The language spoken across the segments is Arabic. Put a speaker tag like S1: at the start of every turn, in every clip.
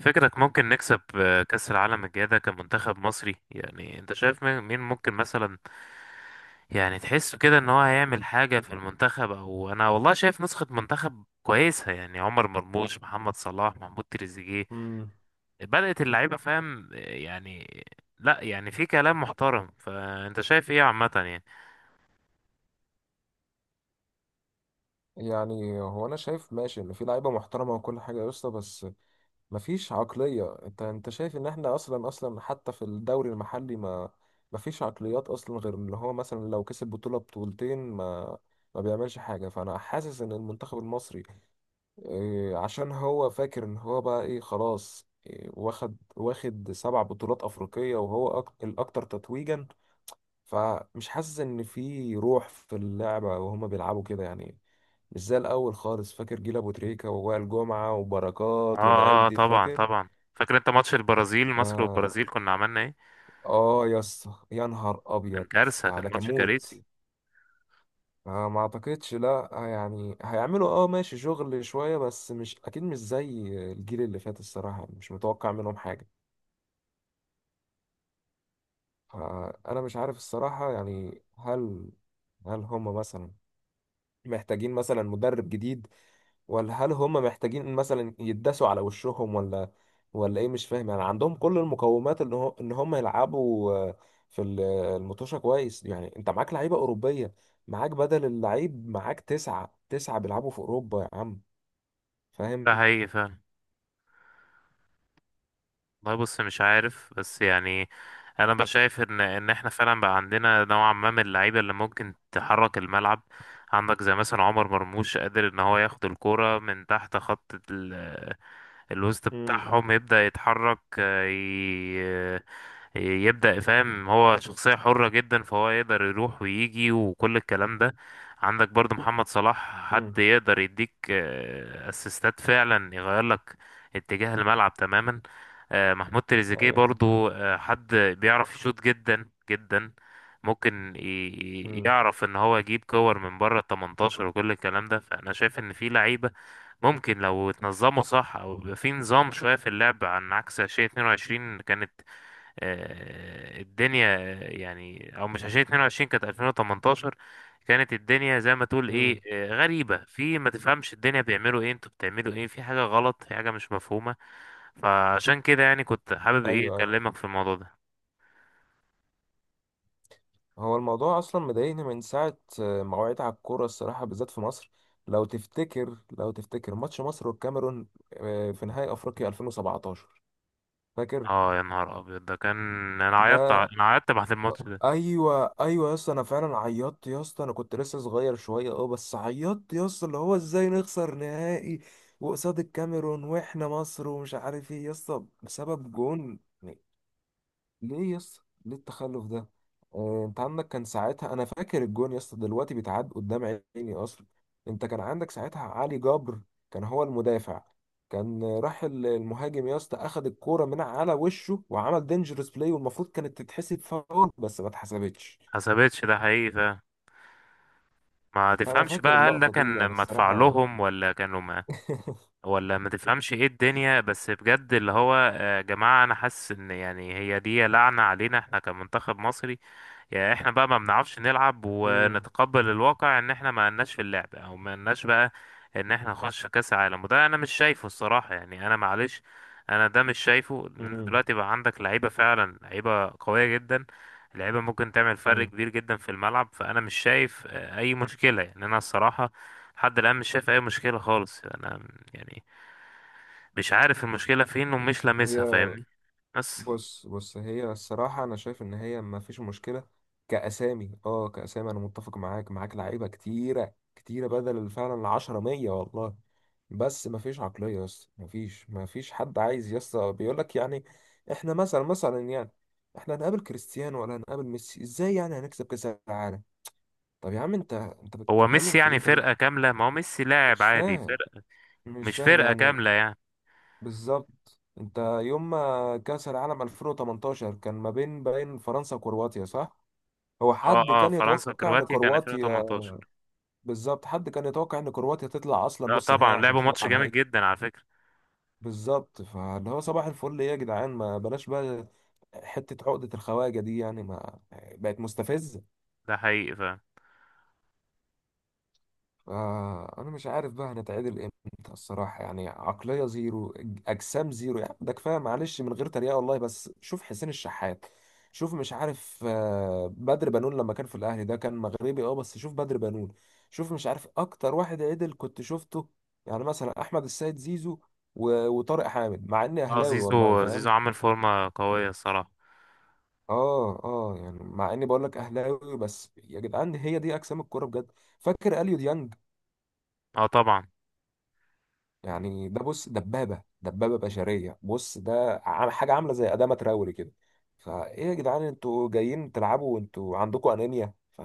S1: فكرك ممكن نكسب كأس العالم الجاي ده كمنتخب مصري؟ يعني انت شايف مين ممكن مثلا؟ يعني تحسه كده ان هو هيعمل حاجة في المنتخب؟ او انا والله شايف نسخة منتخب كويسة، يعني عمر مرموش، محمد صلاح، محمود تريزيجيه
S2: مم.
S1: بدأت اللعيبة، فاهم؟ لا يعني في كلام محترم، فانت شايف ايه عامة يعني؟
S2: يعني هو انا شايف ماشي ان في لعيبه محترمه وكل حاجه يا اسطى، بس مفيش عقليه. انت شايف ان احنا اصلا اصلا حتى في الدوري المحلي ما مفيش عقليات اصلا غير اللي هو مثلا لو كسب بطوله بطولتين ما بيعملش حاجه. فانا حاسس ان المنتخب المصري إيه، عشان هو فاكر ان هو بقى ايه خلاص، إيه، واخد سبع بطولات افريقيه وهو الاكثر تتويجا. فمش حاسس ان في روح في اللعبه، وهما بيلعبوا كده يعني، مش زي الاول خالص. فاكر جيل ابو تريكه ووائل جمعه
S1: اه
S2: وبركات والعيال
S1: اه،
S2: دي؟
S1: طبعا
S2: فاكر؟
S1: طبعا. فاكر انت ماتش البرازيل؟ مصر
S2: اه.
S1: والبرازيل كنا عملنا ايه؟
S2: آه يا اسطى، يا نهار
S1: كان
S2: ابيض.
S1: كارثة،
S2: ده,
S1: كان
S2: ده كان
S1: ماتش
S2: موت.
S1: كارثي.
S2: آه، ما اعتقدش. لا، يعني هيعملوا ماشي شغل شويه بس مش اكيد، مش زي الجيل اللي فات الصراحه يعني، مش متوقع منهم حاجه. آه، انا مش عارف الصراحه يعني، هل هما مثلا محتاجين مثلا مدرب جديد، ولا هل هم محتاجين مثلا يتداسوا على وشهم، ولا ايه؟ مش فاهم يعني. عندهم كل المقومات ان هم يلعبوا، في المطوشة كويس يعني. انت معاك لعيبة أوروبية، معاك بدل اللعيب معاك تسعة بيلعبوا في أوروبا يا عم،
S1: ده
S2: فاهم.
S1: حقيقي فعلا. والله بص مش عارف، بس يعني انا بقى شايف ان احنا فعلا بقى عندنا نوعا ما من اللعيبه اللي ممكن تحرك الملعب. عندك زي مثلا عمر مرموش، قادر ان هو ياخد الكوره من تحت خط الوسط
S2: امم،
S1: بتاعهم، يبدا يتحرك، يبدأ، فاهم؟ هو شخصية حرة جدا، فهو يقدر يروح ويجي وكل الكلام ده. عندك برضو محمد صلاح، حد
S2: امم،
S1: يقدر يديك اسيستات فعلا يغير لك اتجاه الملعب تماما. محمود تريزيجيه
S2: ايوه.
S1: برضو حد بيعرف يشوط جدا جدا، ممكن
S2: امم،
S1: يعرف ان هو يجيب كور من بره ال 18 وكل الكلام ده. فانا شايف ان في لعيبة ممكن لو اتنظموا صح، او يبقى في نظام شوية في اللعب، عن عكس 2022. كانت الدنيا يعني، او مش 2022، كانت 2018. كانت الدنيا زي ما تقول ايه،
S2: امم،
S1: غريبة في، ما تفهمش الدنيا بيعملوا ايه، انتوا بتعملوا ايه، في حاجة غلط، في حاجة مش مفهومة. فعشان كده يعني كنت حابب ايه،
S2: ايوه.
S1: اكلمك في الموضوع ده.
S2: هو الموضوع اصلا مضايقني من ساعه ما وعيت على الكوره الصراحه، بالذات في مصر. لو تفتكر ماتش مصر والكاميرون في نهائي افريقيا 2017، فاكر؟
S1: اه يا نهار ابيض ده كان، انا
S2: ده.
S1: انا عيطت بعد الماتش ده.
S2: ايوه ايوه يا اسطى، انا فعلا عيطت يا اسطى، انا كنت لسه صغير شويه اه، بس عيطت يا اسطى. اللي هو ازاي نخسر نهائي وقصاد الكاميرون واحنا مصر، ومش عارف ايه يا اسطى، بسبب جون. ليه يس ليه التخلف ده؟ انت عندك كان ساعتها، انا فاكر الجون يا اسطى دلوقتي بيتعاد قدام عيني اصلا. انت كان عندك ساعتها علي جبر، كان هو المدافع. كان راح المهاجم يا اسطى، اخد الكوره من على وشه وعمل دينجرس بلاي، والمفروض كانت تتحسب فاول، بس ما اتحسبتش.
S1: حسبتش، ده حقيقي فعلا. ما
S2: فانا
S1: تفهمش
S2: فاكر
S1: بقى، هل ده
S2: اللقطه دي
S1: كان
S2: يعني
S1: مدفع
S2: الصراحه.
S1: لهم ولا كانوا؟ ولا ما تفهمش ايه الدنيا، بس بجد اللي هو يا جماعة انا حاسس ان يعني هي دي لعنة علينا احنا كمنتخب مصري. يعني احنا بقى ما بنعرفش نلعب،
S2: مم.
S1: ونتقبل الواقع ان احنا ما لناش في اللعب، او ما لناش بقى ان احنا نخش كاس عالم. وده انا مش شايفه الصراحة، يعني انا معلش، انا ده مش شايفه، لان انت
S2: مم.
S1: دلوقتي بقى عندك لعيبة فعلا، لعيبة قوية جدا، لعيبة ممكن تعمل فرق
S2: مم.
S1: كبير جدا في الملعب. فانا مش شايف اي مشكلة، يعني انا الصراحة لحد الان مش شايف اي مشكلة خالص. انا يعني مش عارف المشكلة فين، ومش
S2: هي،
S1: لامسها، فاهمني؟ بس
S2: بص بص، هي الصراحة أنا شايف إن هي ما فيش مشكلة. كأسامي كأسامي، أنا متفق معاك لعيبة كتيرة كتيرة بدل فعلا العشرة مية والله. بس ما فيش عقلية يا اسطى، ما فيش حد عايز يا اسطى، بيقول لك يعني، إحنا مثلا يعني، إحنا هنقابل كريستيانو ولا هنقابل ميسي؟ إزاي يعني هنكسب كأس العالم؟ طب يا عم أنت
S1: هو
S2: بتتكلم
S1: ميسي
S2: في
S1: يعني
S2: إيه؟ طب أنت،
S1: فرقة كاملة، ما هو ميسي لاعب
S2: مش
S1: عادي،
S2: فاهم.
S1: فرقة
S2: مش
S1: مش
S2: فاهم
S1: فرقة
S2: يعني.
S1: كاملة يعني.
S2: بالظبط، انت يوم ما كأس العالم 2018 كان ما بين فرنسا وكرواتيا، صح؟ هو
S1: اه
S2: حد
S1: اه،
S2: كان
S1: فرنسا
S2: يتوقع ان
S1: وكرواتيا كان
S2: كرواتيا،
S1: 2018.
S2: بالظبط، حد كان يتوقع ان كرواتيا تطلع اصلا
S1: لا
S2: نص نهائي
S1: طبعا،
S2: عشان
S1: لعبوا ماتش
S2: تطلع
S1: جامد
S2: نهائي؟
S1: جدا على فكرة.
S2: بالظبط. فاللي هو صباح الفل، ايه يا جدعان، ما بلاش بقى حتة عقدة الخواجة دي يعني، ما بقت مستفزة.
S1: ده حقيقي فعلا.
S2: آه، انا مش عارف بقى هنتعدل امتى الصراحه يعني، عقليه زيرو، اجسام زيرو يعني، ده كفايه معلش من غير تريقه والله. بس شوف حسين الشحات، شوف، مش عارف، بدر بنون لما كان في الاهلي، ده كان مغربي اه، بس شوف بدر بنون، شوف. مش عارف اكتر واحد عدل كنت شفته، يعني مثلا، احمد السيد، زيزو، وطارق حامد، مع اني
S1: اه،
S2: اهلاوي والله،
S1: زيزو
S2: فاهم.
S1: عامل فورمة قوية الصراحة.
S2: اه اه، يعني مع اني بقول لك اهلاوي، بس يا جدعان، هي دي اجسام الكوره بجد. فاكر اليو ديانج؟
S1: اه طبعا.
S2: يعني ده، بص، دبابة دبابة بشرية، بص، ده حاجة عاملة زي أدامة تراوري كده. فإيه يا جدعان، أنتوا جايين تلعبوا وأنتوا عندكم أنيميا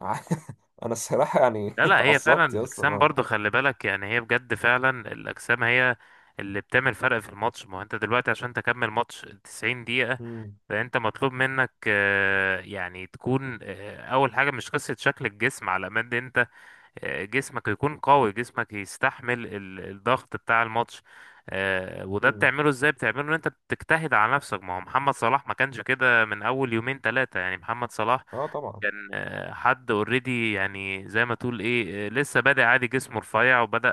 S2: أنا الصراحة يعني
S1: لا لا، هي فعلا
S2: اتعصبت يا اسطى
S1: الاجسام
S2: بقى.
S1: برضو، خلي بالك يعني، هي بجد فعلا الاجسام هي اللي بتعمل فرق في الماتش. ما هو انت دلوقتي عشان تكمل ماتش 90 دقيقة،
S2: مم.
S1: فانت مطلوب منك يعني تكون اول حاجه، مش قصه شكل الجسم على قد انت جسمك يكون قوي، جسمك يستحمل الضغط بتاع الماتش. وده
S2: مم.
S1: بتعمله ازاي؟ بتعمله ان انت بتجتهد على نفسك. ما هو محمد صلاح ما كانش كده من اول يومين ثلاثه، يعني محمد صلاح
S2: أه طبعا.
S1: كان حد اوريدي، يعني زي ما تقول ايه، لسه بادئ عادي، جسمه رفيع، وبدأ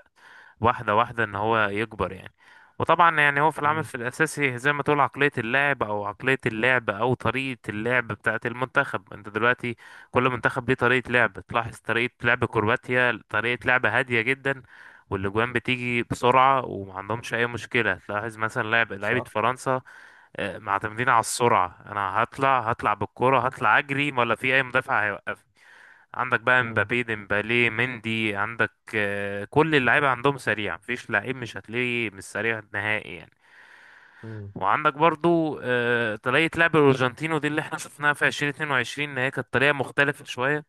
S1: واحدة واحدة ان هو يكبر يعني. وطبعا يعني هو في العمل
S2: مم.
S1: في الاساسي، زي ما تقول عقلية اللاعب، او عقلية اللعب، او طريقة اللعب بتاعة المنتخب. انت دلوقتي كل منتخب ليه طريقة لعب. تلاحظ طريقة لعب كرواتيا، طريقة لعب هادية جدا، والاجوان بتيجي بسرعة، ومعندهمش اي مشكلة. تلاحظ مثلا لعب لعيبة
S2: صح.
S1: فرنسا، معتمدين على السرعة، انا هطلع بالكرة، هطلع اجري، ولا في اي مدافع هيوقفني. عندك بقى
S2: مم.
S1: مبابي، ديمبالي، مندي، عندك كل اللعيبة عندهم سريع، مفيش لعيب مش هتلاقيه مش سريع نهائي يعني.
S2: مم.
S1: وعندك برضو طريقة لعب الأرجنتين، ودي اللي احنا شفناها في 2022، إن هي كانت طريقة مختلفة شوية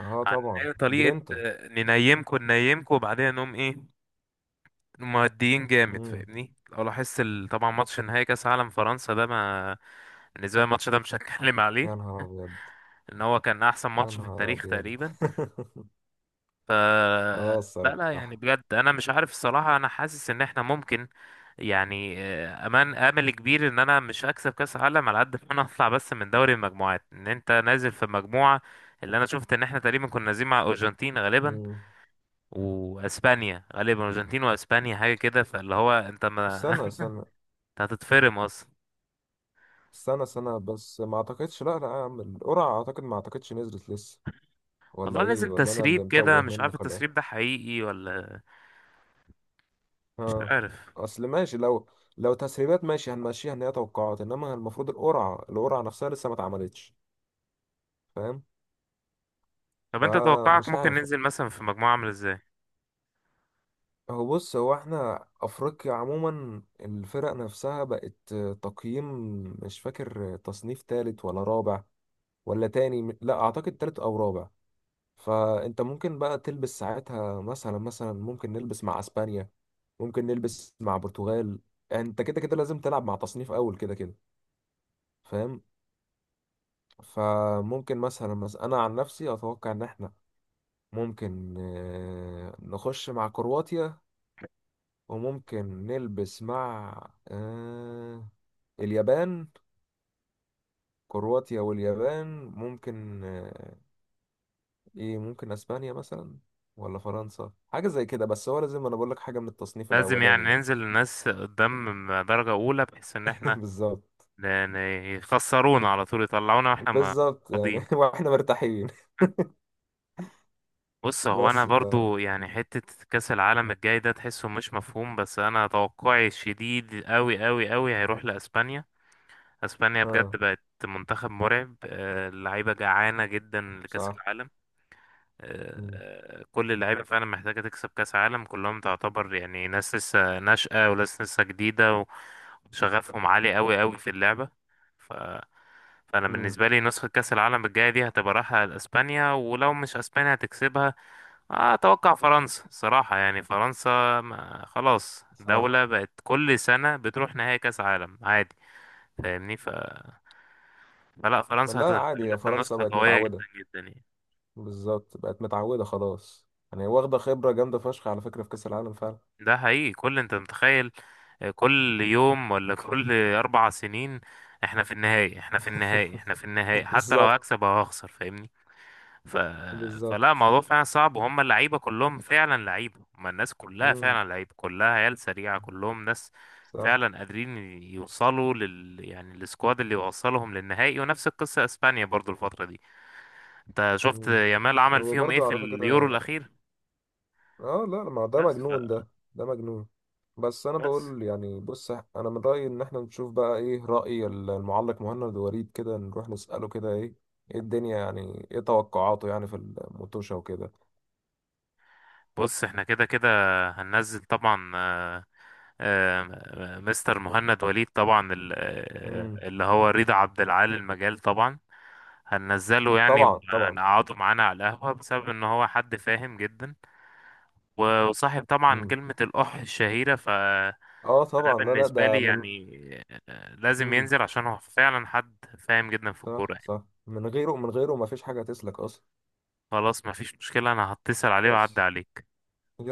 S2: أه
S1: عن إن
S2: طبعا،
S1: هي طريقة
S2: جرينتا.
S1: ننيمكوا وبعدين نقوم إيه، مؤديين جامد،
S2: مم.
S1: فاهمني؟ لو لاحظت طبعا ماتش نهائي كاس عالم فرنسا ده، ما بالنسبه لي الماتش ده مش هتكلم
S2: يا
S1: عليه
S2: نهار أبيض.
S1: ان هو كان احسن
S2: يا
S1: ماتش في
S2: نهار
S1: التاريخ
S2: أبيض.
S1: تقريبا. ف
S2: أه
S1: لا لا، يعني
S2: الصراحة.
S1: بجد انا مش عارف الصراحه، انا حاسس ان احنا ممكن يعني امل كبير ان انا مش هكسب كاس عالم، على قد ما انا اطلع بس من دوري المجموعات. ان انت نازل في مجموعه، اللي انا شفت ان احنا تقريبا كنا نازلين مع ارجنتين غالبا،
S2: مم.
S1: واسبانيا غالبا، ارجنتين واسبانيا حاجه كده، فاللي هو انت ما
S2: استنى استنى.
S1: انت هتتفرم اصلا.
S2: سنة سنة بس، ما اعتقدش، لا لا يا عم، القرعة اعتقد ما اعتقدش نزلت لسه، ولا
S1: والله
S2: ايه،
S1: نزل
S2: ولا انا اللي
S1: تسريب كده،
S2: متوه
S1: مش عارف
S2: منك، ولا ايه؟
S1: التسريب ده حقيقي ولا، مش
S2: ها.
S1: عارف.
S2: اصل ماشي لو تسريبات ماشي هنمشيها ان هي توقعات، انما المفروض القرعة نفسها لسه ما اتعملتش، فاهم.
S1: طب انت توقعك
S2: فمش
S1: ممكن
S2: عارف،
S1: ننزل مثلا في مجموعة عاملة ازاي؟
S2: هو بص، هو احنا افريقيا عموما الفرق نفسها بقت تقييم، مش فاكر تصنيف تالت ولا رابع، ولا تاني، لا اعتقد تالت او رابع. فانت ممكن بقى تلبس ساعتها مثلا، مثلا ممكن نلبس مع اسبانيا، ممكن نلبس مع برتغال، انت كده كده لازم تلعب مع تصنيف اول كده كده، فاهم. فممكن مثلا، مثلا انا عن نفسي اتوقع ان احنا ممكن نخش مع كرواتيا، وممكن نلبس مع آه، اليابان. كرواتيا واليابان ممكن ايه، ممكن اسبانيا مثلا، ولا فرنسا، حاجة زي كده. بس هو لازم انا بقول لك حاجة من التصنيف
S1: لازم يعني
S2: الاولاني ده.
S1: ننزل الناس قدام درجة اولى، بحيث ان احنا
S2: بالظبط.
S1: ن- ن- يخسرونا على طول، يطلعونا واحنا ما
S2: بالظبط يعني
S1: فاضيين.
S2: واحنا مرتاحين.
S1: بص هو انا
S2: بس ف،
S1: برضو يعني حتة كأس العالم الجاي ده تحسه مش مفهوم، بس انا توقعي الشديد قوي قوي قوي هيروح لاسبانيا. اسبانيا بجد
S2: اه،
S1: بقت منتخب مرعب، اللعيبة جعانة جدا لكأس
S2: صح.
S1: العالم.
S2: مم.
S1: كل اللعيبة فعلا محتاجة تكسب كأس عالم، كلهم تعتبر يعني ناس لسه ناشئة، وناس لسه جديدة، وشغفهم عالي قوي قوي في اللعبة. ف... فأنا
S2: مم.
S1: بالنسبة لي نسخة كأس العالم الجاية دي هتبقى رايحة لأسبانيا، ولو مش أسبانيا هتكسبها أتوقع فرنسا صراحة. يعني فرنسا ما خلاص
S2: صح.
S1: دولة بقت كل سنة بتروح نهائي كأس عالم عادي، فاهمني؟ فلا
S2: ما
S1: فرنسا
S2: لا
S1: هتبقى
S2: عادي يا
S1: نازلة
S2: فرنسا،
S1: نسخة
S2: بقت
S1: قوية جدا
S2: متعودة.
S1: جدا يعني.
S2: بالظبط، بقت متعودة خلاص يعني، واخدة خبرة جامدة فشخ على فكرة في كأس العالم فعلا.
S1: ده حقيقي، كل انت متخيل كل يوم، ولا كل اربع سنين، احنا في النهائي، احنا في النهائي، احنا في النهائي، حتى لو
S2: بالظبط.
S1: هكسب او هخسر، فاهمني؟ ف... فلا
S2: بالظبط.
S1: الموضوع فعلا صعب، وهم اللعيبه كلهم فعلا لعيبه، هم الناس كلها
S2: مم.
S1: فعلا لعيبه، كلها عيال سريعه، كلهم ناس
S2: صح.
S1: فعلا قادرين يوصلوا لل، يعني السكواد اللي يوصلهم للنهائي. ونفس القصه اسبانيا برضو الفتره دي، انت شفت
S2: مم.
S1: يامال عمل
S2: هو
S1: فيهم ايه
S2: برضه
S1: في
S2: على
S1: اليورو
S2: فكرة،
S1: الاخير؟
S2: اه لا ما ده
S1: بس ف...
S2: مجنون ده مجنون. بس انا
S1: بس
S2: بقول يعني، بص، انا من رايي ان احنا نشوف بقى ايه راي المعلق مهند وريد، كده نروح نساله كده، ايه ايه الدنيا يعني، ايه توقعاته يعني في الموتوشه وكده.
S1: بص احنا كده كده هننزل طبعا مستر مهند وليد، طبعا
S2: امم.
S1: اللي هو رضا عبد العال المجال طبعا، هننزله
S2: طبعا
S1: يعني،
S2: طبعا.
S1: هنقعده معانا على القهوة، بسبب ان هو حد فاهم جدا، وصاحب طبعا
S2: امم.
S1: كلمة الأح الشهيرة، فده
S2: اه طبعا، لا لا
S1: بالنسبة
S2: ده
S1: لي
S2: من.
S1: يعني لازم
S2: امم.
S1: ينزل، عشان هو فعلا حد فاهم جدا في
S2: صح
S1: الكورة يعني.
S2: صح، من غيره من غيره ما فيش حاجه تسلك اصلا.
S1: خلاص مفيش مشكلة، انا هتصل عليه وأعدي
S2: بس
S1: عليه.
S2: يلا.